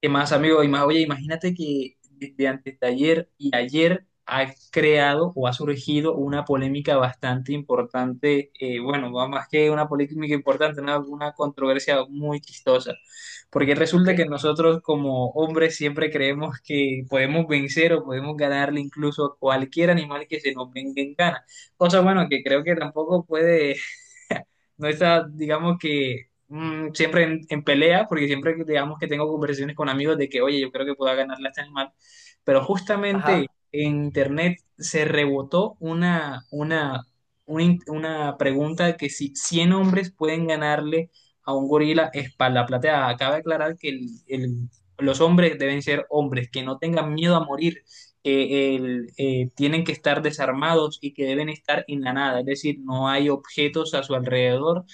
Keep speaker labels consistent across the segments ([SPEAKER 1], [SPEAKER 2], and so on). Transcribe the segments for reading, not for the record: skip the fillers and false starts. [SPEAKER 1] ¿Qué más, amigo? Oye, imagínate que desde antes de ayer y ayer ha creado o ha surgido una polémica bastante importante, bueno, va más que una polémica importante, una controversia muy chistosa, porque
[SPEAKER 2] Ok,
[SPEAKER 1] resulta que nosotros como hombres siempre creemos que podemos vencer o podemos ganarle incluso a cualquier animal que se nos venga en gana, cosa bueno que creo que tampoco puede no está, digamos que siempre en pelea, porque digamos que tengo conversaciones con amigos de que, oye, yo creo que pueda ganarle a este animal, pero justamente
[SPEAKER 2] ajá,
[SPEAKER 1] en internet se rebotó una pregunta que si 100 hombres pueden ganarle a un gorila espalda plateada. Acaba de aclarar que los hombres deben ser hombres, que no tengan miedo a morir que tienen que estar desarmados y que deben estar en la nada, es decir, no hay objetos a su alrededor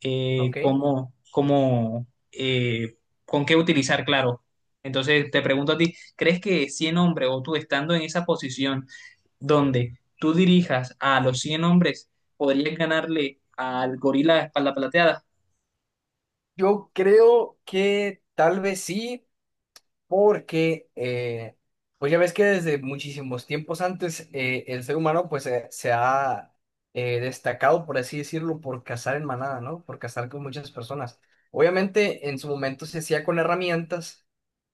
[SPEAKER 1] eh,
[SPEAKER 2] ok.
[SPEAKER 1] cómo, cómo, eh, con qué utilizar, claro. Entonces te pregunto a ti, ¿crees que 100 hombres o tú estando en esa posición donde tú dirijas a los 100 hombres, podrías ganarle al gorila de espalda plateada?
[SPEAKER 2] Yo creo que tal vez sí, porque pues ya ves que desde muchísimos tiempos antes el ser humano pues se ha destacado, por así decirlo, por cazar en manada, ¿no? Por cazar con muchas personas. Obviamente en su momento se hacía con herramientas,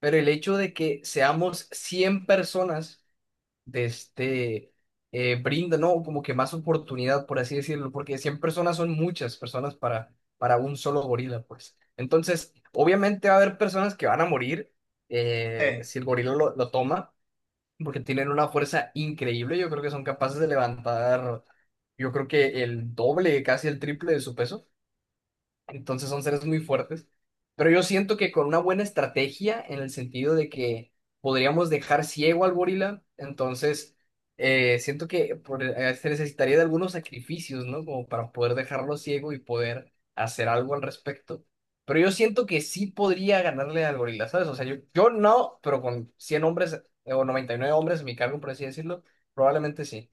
[SPEAKER 2] pero el hecho de que seamos 100 personas de este, brinda, ¿no? Como que más oportunidad, por así decirlo, porque 100 personas son muchas personas para un solo gorila, pues. Entonces, obviamente va a haber personas que van a morir,
[SPEAKER 1] Eh,
[SPEAKER 2] si el gorila lo toma, porque tienen una fuerza increíble, yo creo que son capaces de levantar, yo creo que el doble, casi el triple de su peso. Entonces son seres muy fuertes. Pero yo siento que con una buena estrategia, en el sentido de que podríamos dejar ciego al gorila, entonces siento que se necesitaría de algunos sacrificios, ¿no? Como para poder dejarlo ciego y poder hacer algo al respecto. Pero yo siento que sí podría ganarle al gorila, ¿sabes? O sea, yo no, pero con 100 hombres o 99 hombres a mi cargo, por así decirlo, probablemente sí.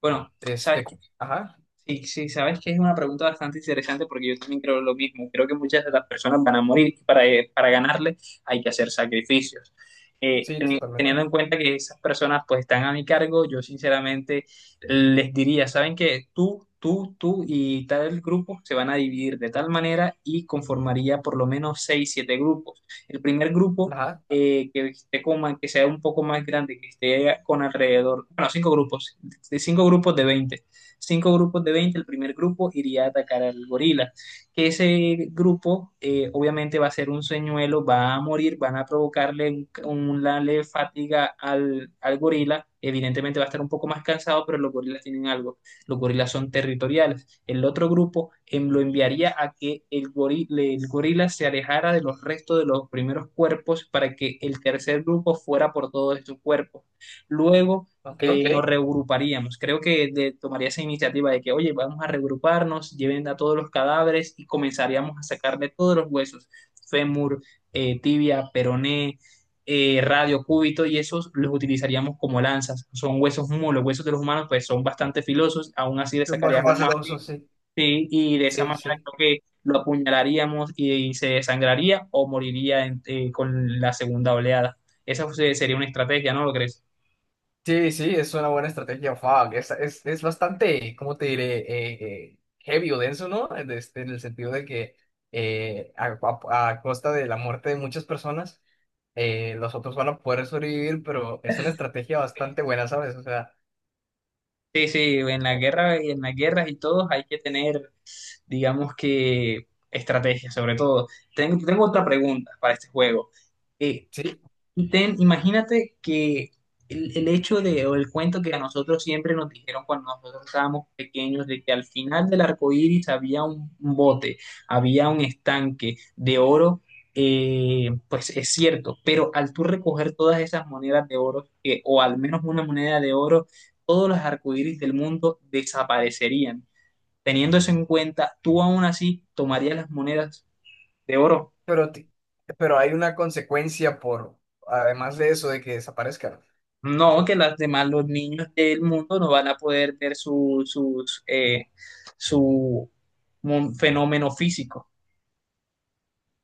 [SPEAKER 1] bueno, sabes.
[SPEAKER 2] Este, ajá,
[SPEAKER 1] Sí, sí, sabes que es una pregunta bastante interesante porque yo también creo lo mismo. Creo que muchas de las personas van a morir y para ganarle hay que hacer sacrificios.
[SPEAKER 2] sí,
[SPEAKER 1] Teniendo
[SPEAKER 2] totalmente.
[SPEAKER 1] en cuenta que esas personas pues están a mi cargo, yo sinceramente les diría, saben que tú y tal grupo se van a dividir de tal manera y conformaría por lo menos seis, siete grupos. El primer grupo
[SPEAKER 2] Ajá,
[SPEAKER 1] que que sea un poco más grande, que esté con alrededor, bueno, cinco grupos de veinte, cinco grupos de 20. El primer grupo iría a atacar al gorila, que ese grupo obviamente va a ser un señuelo, va a morir, van a provocarle una leve fatiga al, al gorila, evidentemente va a estar un poco más cansado, pero los gorilas tienen algo, los gorilas son territoriales. El otro grupo lo enviaría a que el gorila se alejara de los restos de los primeros cuerpos para que el tercer grupo fuera por todos estos cuerpos. Luego
[SPEAKER 2] ok.
[SPEAKER 1] nos Ok. regruparíamos. Creo que tomaría esa iniciativa de que, oye, vamos a regruparnos, lleven a todos los cadáveres y comenzaríamos a sacarle todos los huesos, fémur, tibia, peroné, radio, cúbito, y esos los utilizaríamos como lanzas. Son huesos muy, los huesos de los humanos pues son bastante filosos, aún así le
[SPEAKER 2] Tú pasaste
[SPEAKER 1] sacaríamos más
[SPEAKER 2] filoso,
[SPEAKER 1] filo,
[SPEAKER 2] sí.
[SPEAKER 1] sí, y de esa
[SPEAKER 2] Sí,
[SPEAKER 1] manera
[SPEAKER 2] sí.
[SPEAKER 1] creo que lo apuñalaríamos y se desangraría o moriría con la segunda oleada. Esa sería una estrategia, ¿no lo crees?
[SPEAKER 2] Sí, sí, es una buena estrategia. Fuck. Es bastante, ¿cómo te diré? Heavy o denso, ¿no? En este, en el sentido de que eh, a, a costa de la muerte de muchas personas, los otros van a poder sobrevivir, pero es una estrategia bastante buena, ¿sabes? O sea,
[SPEAKER 1] Sí, sí, en la
[SPEAKER 2] o-
[SPEAKER 1] guerra y en las guerras y todos hay que tener, digamos que, estrategia sobre todo. Tengo, tengo otra pregunta para este juego. Eh,
[SPEAKER 2] sí,
[SPEAKER 1] y ten, imagínate que el hecho de, o el cuento que a nosotros siempre nos dijeron cuando nosotros estábamos pequeños, de que al final del arco iris había un bote, había un estanque de oro, pues es cierto, pero al tú recoger todas esas monedas de oro, o al menos una moneda de oro, todos los arcoíris del mundo desaparecerían. Teniendo eso en cuenta, tú aún así tomarías las monedas de oro.
[SPEAKER 2] pero, ti- pero hay una consecuencia por, además de eso, de que desaparezcan.
[SPEAKER 1] No, que las demás, los niños del mundo no van a poder ver su, sus, su fenómeno físico.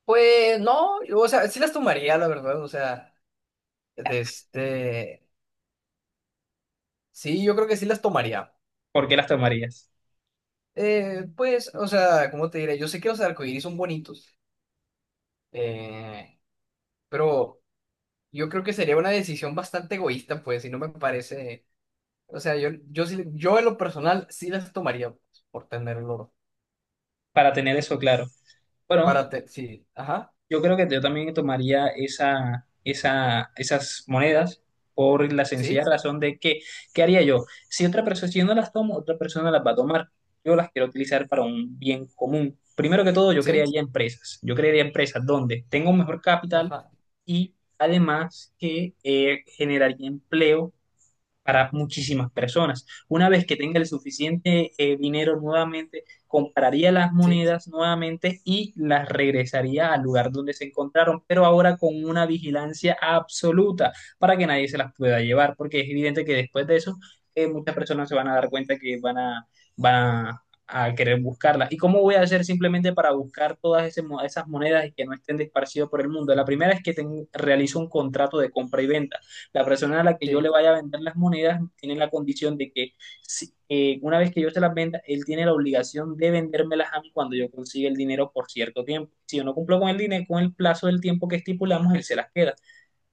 [SPEAKER 2] Pues no, yo, o sea, sí las tomaría, la verdad, o sea, de este, sí, yo creo que sí las tomaría.
[SPEAKER 1] ¿Por qué las tomarías?
[SPEAKER 2] Pues, o sea, ¿cómo te diré? Yo sé que los arcoíris son bonitos, eh, pero yo creo que sería una decisión bastante egoísta, pues, y no me parece. O sea, yo en lo personal sí las tomaría pues, por tener el oro.
[SPEAKER 1] Para tener eso claro. Bueno,
[SPEAKER 2] Sí, ajá,
[SPEAKER 1] yo creo que yo también tomaría esas monedas por la sencilla
[SPEAKER 2] sí,
[SPEAKER 1] razón de que, ¿qué haría yo? Si otra persona, si yo no las tomo, otra persona las va a tomar. Yo las quiero utilizar para un bien común. Primero que todo, yo
[SPEAKER 2] sí,
[SPEAKER 1] crearía empresas. Yo crearía empresas donde tengo un mejor capital
[SPEAKER 2] ajá,
[SPEAKER 1] y además que generaría empleo para muchísimas personas. Una vez que tenga el suficiente dinero nuevamente, compraría las
[SPEAKER 2] sí,
[SPEAKER 1] monedas nuevamente y las regresaría al lugar donde se encontraron, pero ahora con una vigilancia absoluta para que nadie se las pueda llevar, porque es evidente que después de eso muchas personas se van a dar cuenta que van a, van a querer buscarlas. ¿Y cómo voy a hacer simplemente para buscar todas ese esas monedas y que no estén esparcidas por el mundo? La primera es que realizo un contrato de compra y venta, la persona a la que yo le
[SPEAKER 2] sí,
[SPEAKER 1] vaya a vender las monedas tiene la condición de que una vez que yo se las venda, él tiene la obligación de vendérmelas a mí cuando yo consiga el dinero por cierto tiempo. Si yo no cumplo con el dinero, con el plazo del tiempo que estipulamos, él se las queda.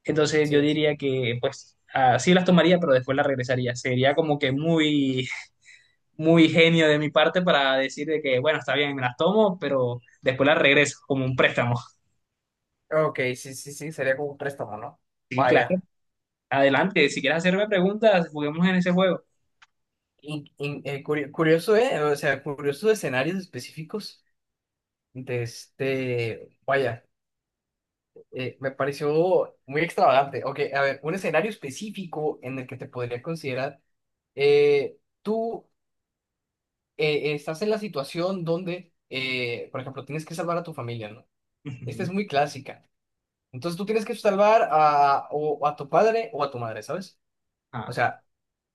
[SPEAKER 1] Entonces yo
[SPEAKER 2] sí.
[SPEAKER 1] diría que pues así las tomaría, pero después las regresaría. Sería como que muy, muy genio de mi parte para decir de que, bueno, está bien, me las tomo, pero después las regreso como un préstamo.
[SPEAKER 2] Ok, sí, sí, sí, sería como un préstamo, ¿no?
[SPEAKER 1] Sí, claro.
[SPEAKER 2] Vaya.
[SPEAKER 1] Adelante, si quieres hacerme preguntas, juguemos en ese juego.
[SPEAKER 2] Curioso, ¿eh? O sea, curioso escenarios específicos de este. Vaya. Me pareció muy extravagante. Ok, a ver, un escenario específico en el que te podría considerar, eh, tú estás en la situación donde, por ejemplo, tienes que salvar a tu familia, ¿no? Esta es
[SPEAKER 1] Ujú.
[SPEAKER 2] muy clásica. Entonces tú tienes que salvar a, o a tu padre o a tu madre, ¿sabes? O
[SPEAKER 1] Ah.
[SPEAKER 2] sea,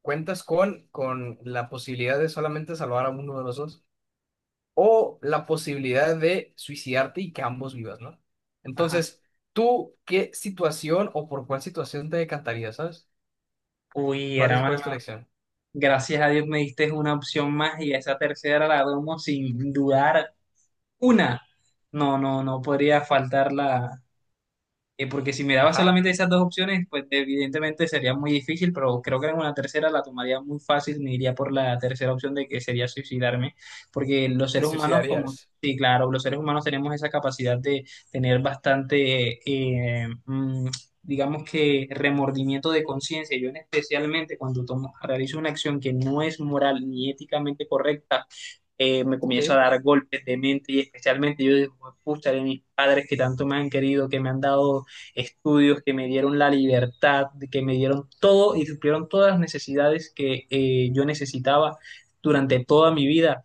[SPEAKER 2] cuentas con la posibilidad de solamente salvar a uno de los dos, o la posibilidad de suicidarte y que ambos vivas, ¿no?
[SPEAKER 1] Ajá.
[SPEAKER 2] Entonces, ¿tú qué situación o por cuál situación te decantarías, sabes?
[SPEAKER 1] Uy,
[SPEAKER 2] Cuál
[SPEAKER 1] hermano,
[SPEAKER 2] es tu elección?
[SPEAKER 1] gracias a Dios me diste una opción más y esa tercera la tomo sin dudar una. No, no, no podría faltarla, porque si miraba
[SPEAKER 2] Ajá,
[SPEAKER 1] solamente esas dos opciones, pues evidentemente sería muy difícil, pero creo que en una tercera la tomaría muy fácil, me iría por la tercera opción de que sería suicidarme, porque los
[SPEAKER 2] te
[SPEAKER 1] seres humanos como,
[SPEAKER 2] suicidarías.
[SPEAKER 1] sí, claro, los seres humanos tenemos esa capacidad de tener bastante, digamos que remordimiento de conciencia, yo en especialmente cuando tomo, realizo una acción que no es moral ni éticamente correcta, me comienzo a
[SPEAKER 2] Sí.
[SPEAKER 1] dar golpes de mente y especialmente yo digo, pucha, de mis padres que tanto me han querido, que me han dado estudios, que me dieron la libertad, que me dieron todo y supieron todas las necesidades que yo necesitaba durante toda mi vida.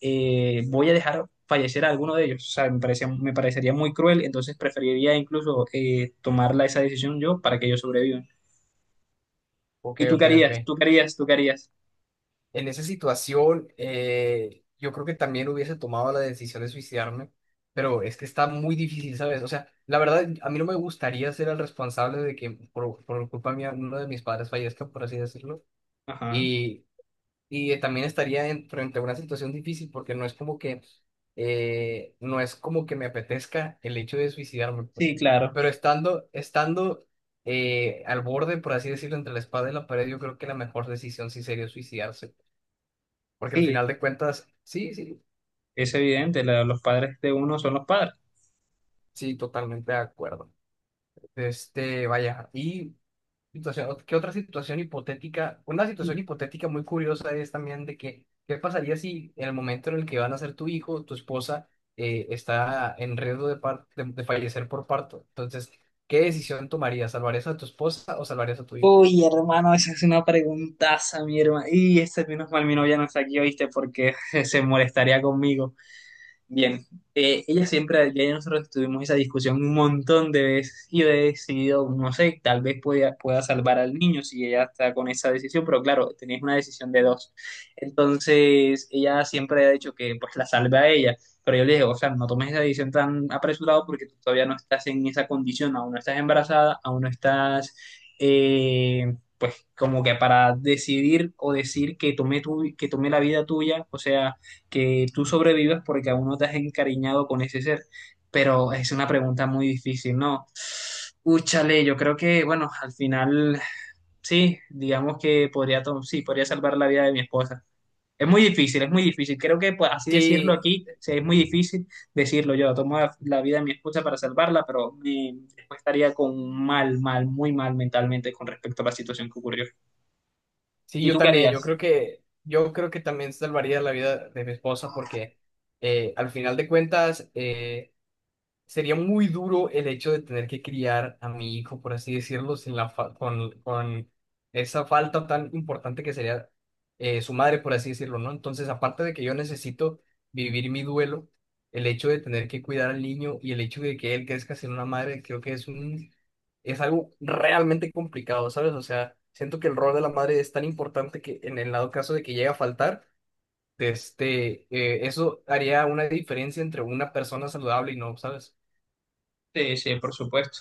[SPEAKER 1] Voy a dejar fallecer a alguno de ellos. O sea, me parece, me parecería muy cruel, entonces preferiría incluso tomarla esa decisión yo para que ellos sobrevivan.
[SPEAKER 2] Ok,
[SPEAKER 1] ¿Y tú qué
[SPEAKER 2] ok,
[SPEAKER 1] harías?
[SPEAKER 2] ok.
[SPEAKER 1] ¿Tú qué harías? ¿Tú qué harías?
[SPEAKER 2] En esa situación, yo creo que también hubiese tomado la decisión de suicidarme, pero es que está muy difícil, ¿sabes? O sea, la verdad, a mí no me gustaría ser el responsable de que por culpa mía uno de mis padres fallezca, por así decirlo.
[SPEAKER 1] Ajá.
[SPEAKER 2] y Y también estaría frente a una situación difícil porque no es como que, no es como que me apetezca el hecho de suicidarme, pues.
[SPEAKER 1] Sí, claro.
[SPEAKER 2] Pero estando al borde, por así decirlo, entre la espada y la pared, yo creo que la mejor decisión sí sería suicidarse. Porque al
[SPEAKER 1] Sí,
[SPEAKER 2] final de cuentas, sí, sí,
[SPEAKER 1] es evidente, los padres de uno son los padres.
[SPEAKER 2] sí, totalmente de acuerdo. Este, vaya, y situación, ¿qué otra situación hipotética? Una situación hipotética muy curiosa es también de que, ¿qué pasaría si en el momento en el que van a ser tu hijo, tu esposa, está en riesgo de, de fallecer por parto? Entonces, ¿qué decisión tomarías? ¿Salvarías a tu esposa o salvarías a tu hijo?
[SPEAKER 1] Uy, hermano, esa es una preguntaza, mi hermano. Y este menos mal mi novia no está aquí, ¿oíste? Porque se molestaría conmigo. Bien, ella siempre, ya nosotros tuvimos esa discusión un montón de veces y yo he decidido, no sé, tal vez pueda, pueda salvar al niño si ella está con esa decisión, pero claro, tenías una decisión de dos. Entonces, ella siempre ha dicho que pues la salve a ella, pero yo le dije, o sea, no tomes esa decisión tan apresurado porque tú todavía no estás en esa condición, aún no estás embarazada, aún no estás... pues como que para decidir o decir que tome tu, que tome la vida tuya, o sea, que tú sobrevivas porque aún no te has encariñado con ese ser. Pero es una pregunta muy difícil, ¿no? Úchale, yo creo que, bueno, al final sí, digamos que podría, sí, podría salvar la vida de mi esposa. Es muy difícil, es muy difícil. Creo que pues, así decirlo
[SPEAKER 2] Sí,
[SPEAKER 1] aquí, sí, es muy difícil decirlo. Yo tomo la, la vida de mi esposa para salvarla, pero me, después estaría con mal, mal, muy mal mentalmente con respecto a la situación que ocurrió.
[SPEAKER 2] sí,
[SPEAKER 1] ¿Y
[SPEAKER 2] yo
[SPEAKER 1] tú qué
[SPEAKER 2] también,
[SPEAKER 1] harías?
[SPEAKER 2] yo creo que también salvaría la vida de mi esposa porque al final de cuentas, sería muy duro el hecho de tener que criar a mi hijo, por así decirlo, sin con esa falta tan importante que sería su madre, por así decirlo, ¿no? Entonces, aparte de que yo necesito vivir mi duelo, el hecho de tener que cuidar al niño y el hecho de que él crezca sin una madre, creo que es un, es algo realmente complicado, ¿sabes? O sea, siento que el rol de la madre es tan importante que en el dado caso de que llegue a faltar, este, eso haría una diferencia entre una persona saludable y no, ¿sabes?
[SPEAKER 1] Sí, sí, por supuesto.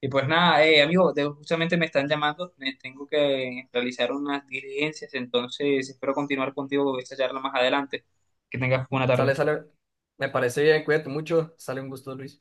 [SPEAKER 1] Y pues nada, amigo, justamente me están llamando, me tengo que realizar unas diligencias, entonces espero continuar contigo esta charla más adelante. Que tengas buena tarde.
[SPEAKER 2] Sale, sale. Me parece bien, cuídate mucho. Sale un gusto, Luis.